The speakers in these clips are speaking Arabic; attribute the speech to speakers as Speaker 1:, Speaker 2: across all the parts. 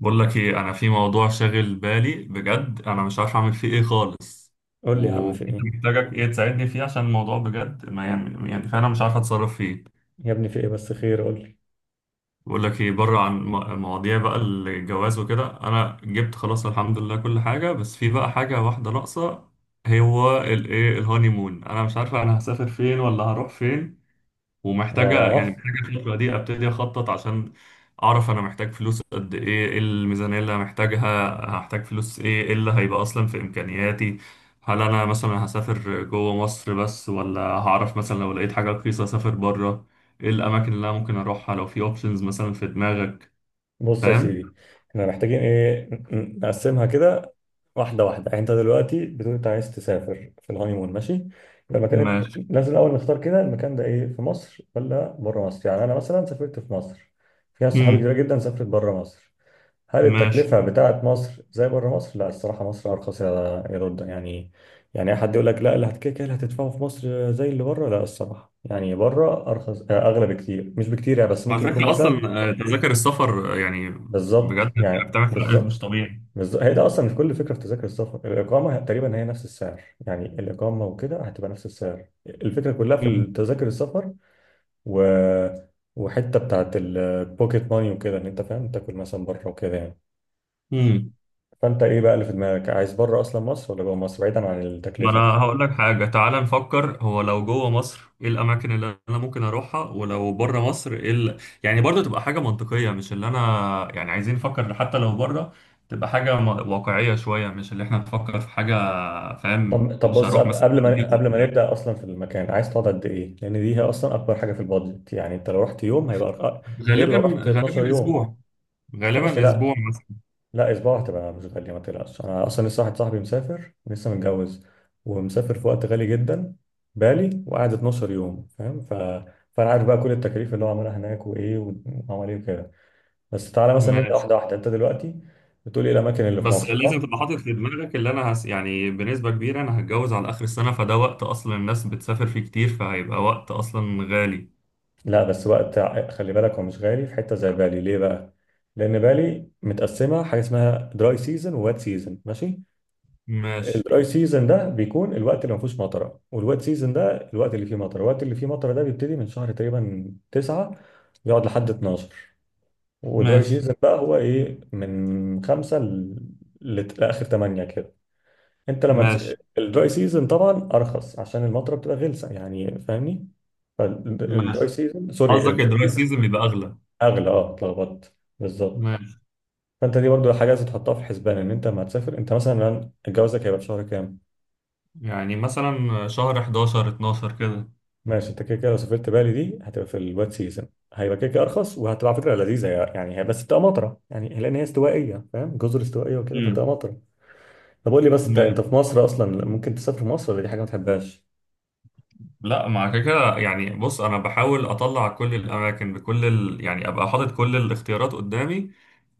Speaker 1: بقول لك ايه، انا في موضوع شاغل بالي بجد. انا مش عارف اعمل فيه ايه خالص،
Speaker 2: قول لي يا عم في ايه.
Speaker 1: ومحتاجك ايه تساعدني فيه عشان الموضوع بجد ما يعني فعلا مش عارف اتصرف فيه.
Speaker 2: يا ابني في ايه بس خير قول لي.
Speaker 1: بقول لك ايه، بره عن مواضيع بقى الجواز وكده، انا جبت خلاص الحمد لله كل حاجه، بس في بقى حاجه واحده ناقصه. هو الايه، الهانيمون. انا مش عارف انا هسافر فين ولا هروح فين. ومحتاجة
Speaker 2: اه
Speaker 1: محتاجة الفترة دي أبتدي أخطط عشان أعرف أنا محتاج فلوس قد إيه، إيه الميزانية اللي محتاجها، هحتاج فلوس إيه، إيه اللي هيبقى أصلا في إمكانياتي. هل أنا مثلا هسافر جوه مصر بس، ولا هعرف مثلا لو لقيت حاجة رخيصة أسافر بره؟ إيه الأماكن اللي أنا ممكن أروحها لو في أوبشنز مثلا في دماغك؟
Speaker 2: بص يا
Speaker 1: فاهم؟
Speaker 2: سيدي، احنا محتاجين ايه، نقسمها كده واحده واحده. يعني انت دلوقتي بتقول انت عايز تسافر في الهانيمون، ماشي، يبقى المكان
Speaker 1: ماشي.
Speaker 2: لازم الاول نختار كده المكان ده ايه، في مصر ولا بره مصر؟ يعني انا مثلا سافرت في مصر، في ناس صحابي كتير
Speaker 1: مم.
Speaker 2: جدا سافرت بره مصر. هل
Speaker 1: ماشي.
Speaker 2: التكلفة بتاعت مصر زي بره مصر؟ لا الصراحة مصر أرخص، يا يا رد يعني. يعني أي حد يقول لك لا اللي هتكيك اللي هتدفعه في مصر زي اللي بره، لا الصراحة يعني بره أرخص أغلى بكتير، مش بكتير يعني، بس
Speaker 1: على
Speaker 2: ممكن يكون
Speaker 1: فكرة
Speaker 2: مثلا.
Speaker 1: أصلا تذاكر السفر يعني
Speaker 2: بالظبط
Speaker 1: بجد
Speaker 2: يعني،
Speaker 1: بتعمل فرق مش
Speaker 2: بالظبط.
Speaker 1: طبيعي.
Speaker 2: بالظبط، هي ده أصلا مش كل فكرة في تذاكر السفر، الإقامة تقريبا هي نفس السعر، يعني الإقامة وكده هتبقى نفس السعر، الفكرة كلها
Speaker 1: مم.
Speaker 2: في تذاكر السفر. و وحتة بتاعت البوكيت ماني وكده، إن أنت فاهم تاكل مثلا بره وكده يعني.
Speaker 1: مم.
Speaker 2: فانت ايه بقى اللي في دماغك، عايز بره اصلا مصر ولا جوه مصر بعيدا عن
Speaker 1: ما انا
Speaker 2: التكلفه؟
Speaker 1: هقول لك حاجه، تعال نفكر، هو لو جوه مصر ايه الاماكن اللي انا ممكن اروحها، ولو بره مصر ايه يعني برضه تبقى حاجه منطقيه، مش اللي انا، يعني عايزين نفكر حتى لو بره تبقى حاجه واقعيه شويه، مش اللي احنا نفكر في حاجه، فاهم؟
Speaker 2: طب طب
Speaker 1: مش
Speaker 2: بص،
Speaker 1: هروح
Speaker 2: قبل
Speaker 1: مثلا.
Speaker 2: قبل ما قبل ما نبدا اصلا في المكان، عايز تقعد قد ايه، لان دي هي اصلا اكبر حاجه في البادجت. يعني انت لو رحت يوم هيبقى غير لو
Speaker 1: غالبا
Speaker 2: رحت 12
Speaker 1: غالبا
Speaker 2: يوم.
Speaker 1: اسبوع.
Speaker 2: ماشي.
Speaker 1: غالبا اسبوع
Speaker 2: لا،
Speaker 1: مثلا.
Speaker 2: لا اسبوع هتبقى مش غاليه، ما تقلقش، انا اصلا لسه واحد صاحبي مسافر لسه متجوز، ومسافر في وقت غالي جدا بالي وقعد 12 يوم، فاهم؟ فانا عارف بقى كل التكاليف اللي هو عملها هناك، وايه وعمل ايه وكده. بس تعالى مثلا نبدا
Speaker 1: ماشي.
Speaker 2: واحده واحده، انت دلوقتي بتقول ايه الاماكن اللي في
Speaker 1: بس
Speaker 2: مصر.
Speaker 1: لازم تبقى حاطط في دماغك اللي انا يعني بنسبه كبيره انا هتجوز على اخر السنه، فده وقت اصلا الناس بتسافر فيه كتير، فهيبقى وقت اصلا غالي.
Speaker 2: لا بس وقت خلي بالك هو مش غالي في حته زي بالي، ليه بقى؟ لان بالي متقسمه حاجه اسمها دراي سيزون ووات سيزون، ماشي.
Speaker 1: ماشي.
Speaker 2: الدراي سيزون ده بيكون الوقت اللي ما فيهوش مطره، والوات سيزون ده الوقت اللي فيه مطره. الوقت اللي فيه مطره ده بيبتدي من شهر تقريبا 9 يقعد لحد 12، ودراي
Speaker 1: ماشي.
Speaker 2: سيزون بقى هو ايه، من 5 لاخر 8 كده. انت لما تس...
Speaker 1: ماشي.
Speaker 2: الدراي سيزون طبعا ارخص عشان المطره بتبقى غلسه، يعني فاهمني. فالدراي
Speaker 1: ماشي.
Speaker 2: سيزون،
Speaker 1: قصدك
Speaker 2: سوري،
Speaker 1: الدراي سيزون بيبقى اغلى.
Speaker 2: اغلى، اه اتلخبطت، بالظبط.
Speaker 1: ماشي.
Speaker 2: فانت دي برضو حاجه لازم تحطها في حسبان، ان انت لما هتسافر انت مثلا جوازك هيبقى في شهر كام.
Speaker 1: يعني مثلا شهر 11 12 كده.
Speaker 2: ماشي، انت كده كده لو سافرت بالي دي هتبقى في الواد سيزون، هيبقى كده كده ارخص، وهتبقى على فكره لذيذه يعني، هي بس بتبقى مطره يعني لان هي استوائيه، فاهم؟ جزر استوائيه وكده
Speaker 1: امم.
Speaker 2: فبتبقى مطره. طب قول لي بس، انت انت
Speaker 1: ماشي.
Speaker 2: في مصر اصلا ممكن تسافر مصر ولا دي حاجه ما تحبهاش؟
Speaker 1: لا مع كده كده، يعني بص، انا بحاول اطلع كل الاماكن بكل يعني ابقى حاطط كل الاختيارات قدامي،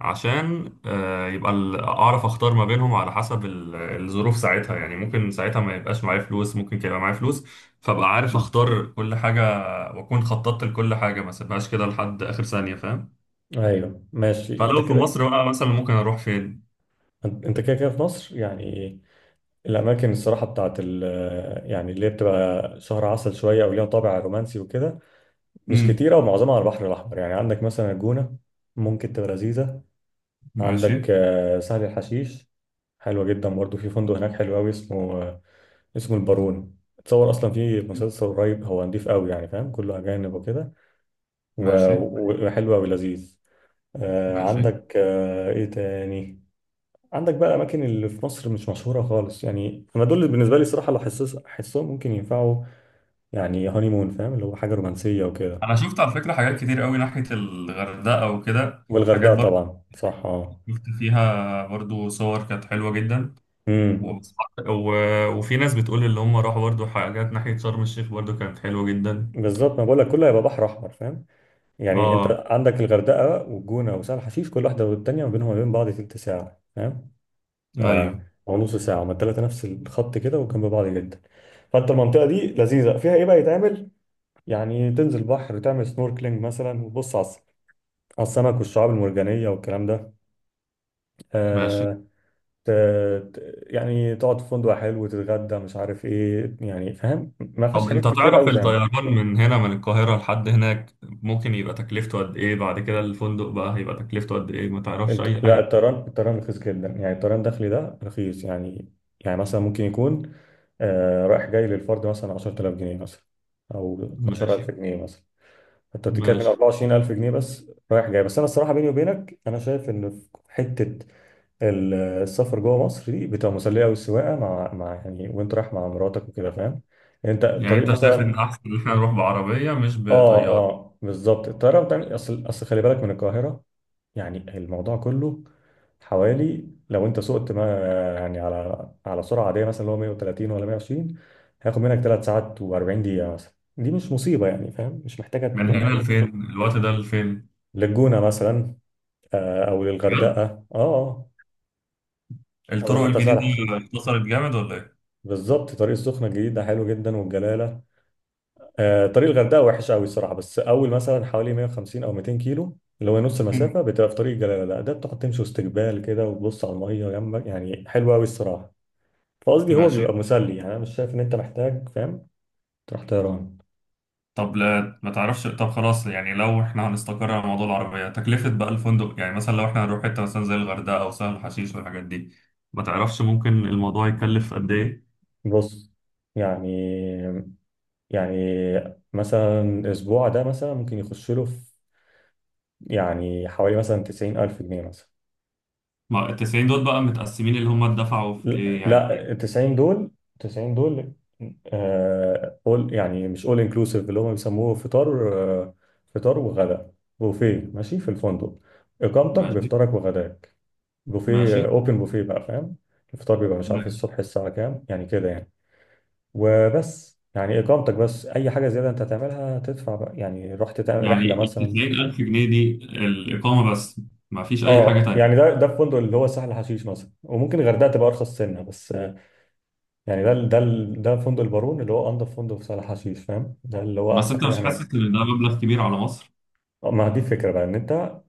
Speaker 1: عشان يبقى اعرف اختار ما بينهم على حسب الظروف ساعتها. يعني ممكن ساعتها ما يبقاش معايا فلوس، ممكن يبقى معايا فلوس، فابقى عارف اختار كل حاجة، واكون خططت لكل حاجة، ما سيبهاش كده لحد اخر ثانية، فاهم؟
Speaker 2: ايوه ماشي انت
Speaker 1: فلو في
Speaker 2: كده.
Speaker 1: مصر بقى مثلا ممكن اروح فين؟
Speaker 2: انت كده كده في مصر يعني، الاماكن الصراحه بتاعت ال، يعني اللي هي بتبقى شهر عسل شويه او ليها طابع رومانسي وكده، مش
Speaker 1: امم.
Speaker 2: كتيرة ومعظمها على البحر الأحمر. يعني عندك مثلا الجونة، ممكن تبقى لذيذة. عندك
Speaker 1: ماشي
Speaker 2: سهل الحشيش، حلوة جدا برضه. في فندق هناك حلو أوي اسمه اسمه البارون، اتصور أصلا في مسلسل قريب، هو نضيف أوي يعني فاهم، كله أجانب وكده
Speaker 1: ماشي.
Speaker 2: وحلو أوي لذيذ.
Speaker 1: ماشي.
Speaker 2: عندك إيه تاني، عندك بقى أماكن اللي في مصر مش مشهورة خالص، يعني أنا دول اللي بالنسبة لي الصراحة لو حسهم ممكن ينفعوا يعني هانيمون، فاهم؟ اللي هو حاجة رومانسية وكده.
Speaker 1: انا شفت على فكره حاجات كتير قوي ناحيه الغردقه وكده، حاجات
Speaker 2: والغردقة
Speaker 1: برضو
Speaker 2: طبعا صح، اه.
Speaker 1: شفت فيها برضو صور كانت حلوه جدا.
Speaker 2: مم.
Speaker 1: وبس- و... وفي ناس بتقول اللي هم راحوا برضو حاجات ناحيه شرم الشيخ برضو كانت حلوه جدا.
Speaker 2: بالظبط، ما بقول لك كله هيبقى بحر احمر، فاهم؟ يعني انت
Speaker 1: اه.
Speaker 2: عندك الغردقه والجونه وسهل حشيش، كل واحده والتانيه ما بينهم وما بين بعض تلت ساعه، فاهم؟ ف-
Speaker 1: ايوه.
Speaker 2: او نص ساعه، هما التلاته نفس الخط كده وجنب بعض جدا. فانت المنطقه دي لذيذه، فيها ايه بقى يتعمل؟ يعني تنزل بحر، تعمل سنوركلينج مثلا وتبص على على السمك والشعاب المرجانيه والكلام ده.
Speaker 1: ماشي.
Speaker 2: آه. ت... يعني تقعد في فندق حلو وتتغدى مش عارف ايه، يعني فاهم ما
Speaker 1: طب
Speaker 2: فيهاش حاجات
Speaker 1: انت
Speaker 2: كتير
Speaker 1: تعرف
Speaker 2: قوي.
Speaker 1: الطيران من هنا من القاهره لحد هناك ممكن يبقى تكلفته قد ايه؟ بعد كده الفندق بقى هيبقى تكلفته قد ايه؟ ما تعرفش اي
Speaker 2: لا
Speaker 1: حاجه؟
Speaker 2: الطيران، الطيران رخيص جدا، يعني الطيران الداخلي ده رخيص يعني. يعني مثلا ممكن يكون آه رايح جاي للفرد مثلا 10000 جنيه مثلا، او 12000
Speaker 1: ماشي.
Speaker 2: جنيه مثلا، انت بتتكلم
Speaker 1: ماشي.
Speaker 2: 24000 جنيه بس رايح جاي. بس انا الصراحه بيني وبينك انا شايف ان في حته السفر جوه مصر دي بتبقى مسليه قوي، السواقه مع يعني وانت رايح مع مراتك وكده فاهم، انت
Speaker 1: يعني
Speaker 2: الطريق
Speaker 1: انت شايف
Speaker 2: مثلا.
Speaker 1: ان احسن ان احنا نروح بعربيه مش
Speaker 2: اه.
Speaker 1: بطياره؟
Speaker 2: اه بالظبط، الطياره بتعمل اصل خلي بالك من القاهره، يعني الموضوع كله حوالي لو انت سقت ما، يعني على سرعه عاديه مثلا اللي هو 130 ولا 120، هياخد منك 3 ساعات و40 دقيقه مثلا، دي مش مصيبه يعني فاهم، مش محتاجه
Speaker 1: من هنا
Speaker 2: يعني.
Speaker 1: لفين؟ الوقت ده لفين؟
Speaker 2: للجونه مثلا، او
Speaker 1: بجد؟
Speaker 2: للغردقه اه او
Speaker 1: الطرق
Speaker 2: لحتى سهل حشيش.
Speaker 1: الجديده اختصرت جامد ولا ايه؟
Speaker 2: بالظبط، طريق السخنه الجديد ده حلو جدا، والجلاله، طريق الغردقه وحش قوي الصراحه، بس اول مثلا حوالي 150 او 200 كيلو اللي هو نص
Speaker 1: مم.
Speaker 2: المسافه بتبقى في طريق الجلاله، لا ده بتقعد تمشي واستقبال كده وتبص على الميه جنبك، يعني حلو قوي الصراحه. فقصدي هو
Speaker 1: ماشي.
Speaker 2: بيبقى مسلي يعني، انا مش شايف ان انت محتاج فاهم تروح طيران.
Speaker 1: طب لا ما تعرفش. طب خلاص، يعني لو احنا هنستقر على موضوع العربيه، تكلفه بقى الفندق يعني مثلا لو احنا هنروح حته مثلا زي الغردقه او سهل حشيش والحاجات دي، ما تعرفش ممكن الموضوع يكلف قد ايه؟
Speaker 2: بص، يعني، يعني مثلا اسبوع ده مثلا ممكن يخش له في يعني حوالي مثلا 90 الف جنيه مثلا.
Speaker 1: ما ال 90 دول بقى متقسمين اللي هم دفعوا في
Speaker 2: لا،
Speaker 1: ايه يعني؟
Speaker 2: لا، 90 دول، 90 دول، آه يعني مش اول، انكلوسيف اللي هم بيسموه، فطار، آه، فطار وغداء، بوفيه، ماشي، في الفندق، اقامتك
Speaker 1: ماشي.
Speaker 2: بفطارك وغداك، بوفيه،
Speaker 1: ماشي.
Speaker 2: اوبن بوفيه بقى فاهم. الفطار بيبقى مش عارف الصبح الساعة كام يعني كده يعني، وبس يعني اقامتك بس، اي حاجه زياده انت هتعملها تدفع بقى، يعني رحت تعمل
Speaker 1: يعني
Speaker 2: رحله
Speaker 1: ال
Speaker 2: مثلا.
Speaker 1: 90,000 جنيه دي الإقامة بس، ما فيش أي حاجة
Speaker 2: اه يعني
Speaker 1: تانية؟
Speaker 2: ده ده الفندق اللي هو سهل حشيش مثلا، وممكن الغردقه تبقى ارخص سنه بس يعني ده فندق البارون اللي هو انضف فندق في سهل حشيش، فاهم؟ ده اللي هو
Speaker 1: بس
Speaker 2: احسن
Speaker 1: أنت
Speaker 2: حاجه
Speaker 1: مش حاسس
Speaker 2: هناك.
Speaker 1: إن ده مبلغ كبير على مصر؟
Speaker 2: ما دي الفكره بقى، ان انت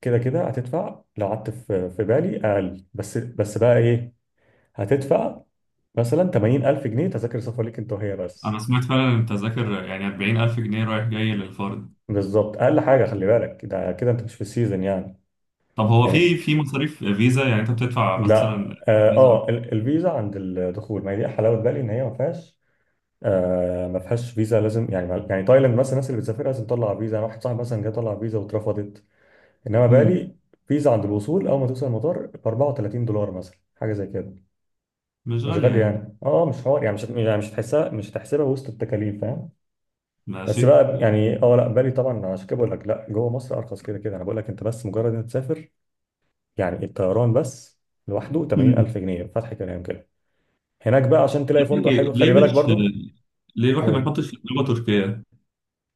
Speaker 2: كده كده هتدفع، لو قعدت في بالي اقل، بس بقى ايه، هتدفع مثلا 80000 جنيه تذاكر سفر ليك انت وهي
Speaker 1: أنا
Speaker 2: بس.
Speaker 1: سمعت فعلا إن التذاكر يعني 40,000 جنيه رايح جاي للفرد.
Speaker 2: بالظبط، اقل حاجه، خلي بالك، ده كده انت مش في السيزون يعني.
Speaker 1: طب هو في
Speaker 2: يعني،
Speaker 1: في مصاريف فيزا يعني أنت بتدفع
Speaker 2: لا،
Speaker 1: مثلا
Speaker 2: اه
Speaker 1: فيزا أكتر؟
Speaker 2: الفيزا عند الدخول، ما هي دي حلاوه بالي ان هي ما فيهاش. آه ما فيهاش فيزا لازم يعني يعني تايلاند مثلا الناس اللي بتسافر لازم تطلع فيزا، انا واحد صاحبي مثلا جه طلع فيزا واترفضت، انما
Speaker 1: مم.
Speaker 2: بالي فيزا عند الوصول اول ما توصل المطار ب 34 دولار مثلا، حاجه زي كده،
Speaker 1: مش
Speaker 2: مش
Speaker 1: غالية
Speaker 2: غالي
Speaker 1: يعني.
Speaker 2: يعني اه، مش حوار يعني، مش هتحسها، مش هتحسبها وسط التكاليف، فاهم؟ بس
Speaker 1: ماشي.
Speaker 2: بقى يعني اه لا بالي طبعا، عشان كده بقول لك لا، جوه مصر ارخص كده كده، انا بقول لك انت بس مجرد انك تسافر يعني الطيران بس لوحده
Speaker 1: مم.
Speaker 2: 80000 جنيه، فتح كلام كده، هناك بقى عشان تلاقي فندق
Speaker 1: ليه
Speaker 2: حلو
Speaker 1: ليه
Speaker 2: خلي بالك
Speaker 1: مش
Speaker 2: برضو.
Speaker 1: الواحد ما
Speaker 2: قول.
Speaker 1: يحطش في دماغه تركيا؟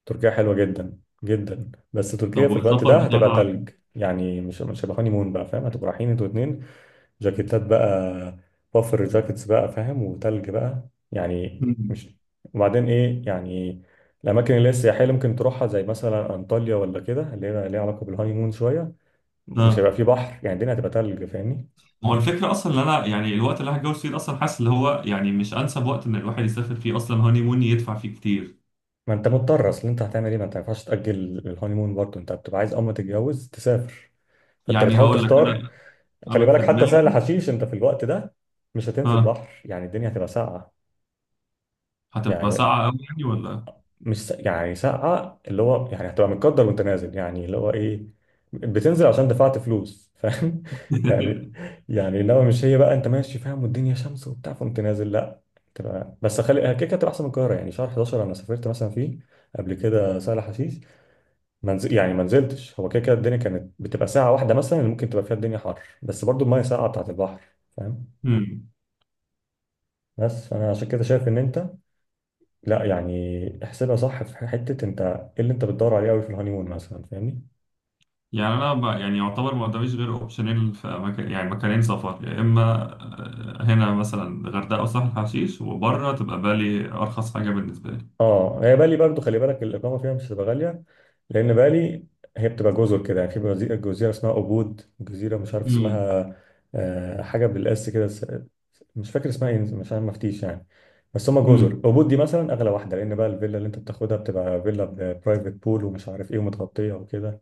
Speaker 2: تركيا حلوة جدا جدا، بس تركيا
Speaker 1: طب
Speaker 2: في الوقت ده
Speaker 1: والسفر
Speaker 2: هتبقى
Speaker 1: بتاع.
Speaker 2: تلج، يعني مش هيبقى هاني مون بقى فاهم، هتبقوا رايحين انتوا اتنين جاكيتات بقى، بافر جاكيتس بقى فاهم، وتلج بقى يعني
Speaker 1: مم.
Speaker 2: مش. وبعدين ايه يعني، الاماكن اللي هي السياحيه اللي ممكن تروحها زي مثلا انطاليا ولا كده، اللي هي ليها علاقه بالهاني مون شويه، مش
Speaker 1: آه.
Speaker 2: هيبقى فيه بحر، يعني الدنيا هتبقى تلج، فاهمني؟
Speaker 1: هو الفكرة أصلا إن أنا يعني الوقت اللي هتجوز فيه ده أصلا حاسس اللي هو يعني مش أنسب وقت إن الواحد يسافر فيه أصلا هوني مون يدفع فيه كتير.
Speaker 2: ما انت مضطر، اصل انت هتعمل ايه، ما انت ما ينفعش تاجل الهاني مون برضه، انت بتبقى عايز اول ما تتجوز تسافر، فانت
Speaker 1: يعني
Speaker 2: بتحاول
Speaker 1: هقول لك
Speaker 2: تختار.
Speaker 1: أنا،
Speaker 2: خلي
Speaker 1: أنا
Speaker 2: بالك
Speaker 1: في
Speaker 2: حتى سهل
Speaker 1: دماغي.
Speaker 2: حشيش انت في الوقت ده مش هتنزل
Speaker 1: ها.
Speaker 2: بحر، يعني الدنيا هتبقى ساقعه.
Speaker 1: هتبقى
Speaker 2: يعني
Speaker 1: ساعة أوي يعني ولا؟
Speaker 2: مش س- يعني ساقعه اللي هو يعني هتبقى متقدر وانت نازل، يعني اللي هو ايه، بتنزل عشان دفعت فلوس فاهم يعني. يعني انما مش هي بقى انت ماشي فاهم والدنيا شمس وبتاع فقمت نازل، لا. تبقى بس خلي كده كده هتبقى احسن من القاهره، يعني شهر 11 انا سافرت مثلا فيه قبل كده سهل حشيش، منزل يعني ما نزلتش، هو كده كده الدنيا كانت بتبقى ساعة واحدة مثلا اللي ممكن تبقى فيها الدنيا حر، بس برضو المية ساقعة بتاعت البحر، فاهم؟
Speaker 1: هم.
Speaker 2: بس فأنا عشان كده شايف إن أنت، لا يعني احسبها صح، في حتة أنت إيه اللي أنت بتدور عليه أوي في الهانيمون مثلا، فاهمني؟
Speaker 1: يعني أنا يعني يعتبر ما قداميش غير أوبشنين في مكان، يعني مكانين سفر، يا إما هنا مثلا غردقة وسهل حشيش، وبره تبقى بالي أرخص حاجة بالنسبة لي.
Speaker 2: اه هي بالي برضو خلي بالك، الاقامه فيها مش هتبقى غاليه، لان بالي هي بتبقى جزر كده، يعني في جزيرة اسمها أبود، جزيره مش عارف
Speaker 1: هم.
Speaker 2: اسمها، حاجه بالاس كده مش فاكر اسمها ايه، مش عارف مفتيش يعني. بس هما جزر
Speaker 1: هم.
Speaker 2: أبود دي مثلا اغلى واحده، لان بقى الفيلا اللي انت بتاخدها بتبقى فيلا برايفت بول ومش عارف ايه ومتغطيه وكده،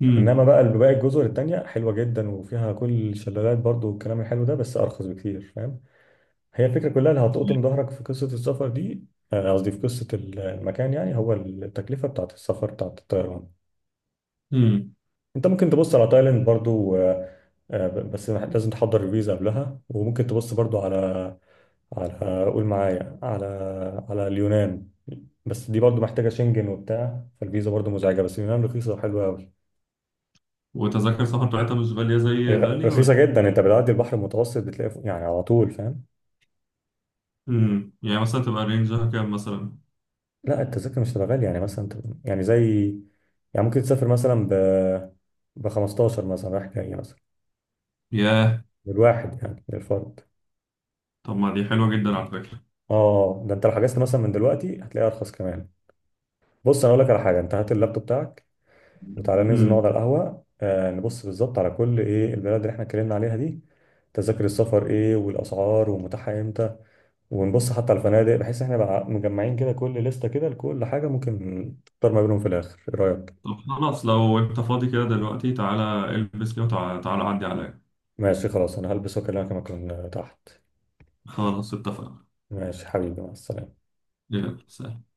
Speaker 1: هم.
Speaker 2: انما بقى باقي الجزر التانيه حلوه جدا وفيها كل الشلالات برضو والكلام الحلو ده، بس ارخص بكتير، فاهم؟ هي الفكرة كلها اللي هتقطم ظهرك في قصة السفر دي، قصدي في قصة المكان، يعني هو التكلفة بتاعت السفر بتاعت الطيران.
Speaker 1: هم.
Speaker 2: انت ممكن تبص على تايلاند برضو، بس لازم تحضر الفيزا قبلها، وممكن تبص برضو على، قول معايا، على، على اليونان، بس دي برضو محتاجة شنجن وبتاع، فالفيزا برضو مزعجة، بس اليونان رخيصة وحلوة قوي.
Speaker 1: وتذاكر سفر بتاعتها مش غالية زي بالي ولا؟
Speaker 2: رخيصة جدا، انت بتعدي البحر المتوسط بتلاقي يعني على طول فاهم.
Speaker 1: امم. يعني مثلا تبقى رينجها كام مثلا؟
Speaker 2: لا التذاكر مش تبقى غالية، يعني يعني زي، يعني ممكن تسافر مثلا ب ب 15 مثلا رايح جاي مثلا،
Speaker 1: ياه.
Speaker 2: للواحد يعني للفرد.
Speaker 1: طب ما دي حلوة جدا على فكرة.
Speaker 2: اه ده انت لو حجزت مثلا من دلوقتي هتلاقيها ارخص كمان. بص انا اقول لك على حاجة، انت هات اللابتوب بتاعك وتعالى ننزل نقعد
Speaker 1: امم.
Speaker 2: على القهوة، آه نبص بالظبط على كل ايه البلد اللي احنا اتكلمنا عليها دي، تذاكر السفر ايه، والاسعار ومتاحة امتى، ونبص حتى على الفنادق، بحيث احنا بقى مجمعين كده كل لستة كده لكل حاجة، ممكن تختار ما بينهم في الاخر، ايه رأيك؟
Speaker 1: طب خلاص، لو انت فاضي كده دلوقتي تعالى البس كده وتعالى، عدي عليا.
Speaker 2: ماشي خلاص انا هلبس واكلمك لما اكون تحت.
Speaker 1: خلاص اتفقنا.
Speaker 2: ماشي حبيبي، مع السلامة.
Speaker 1: يلا سلام.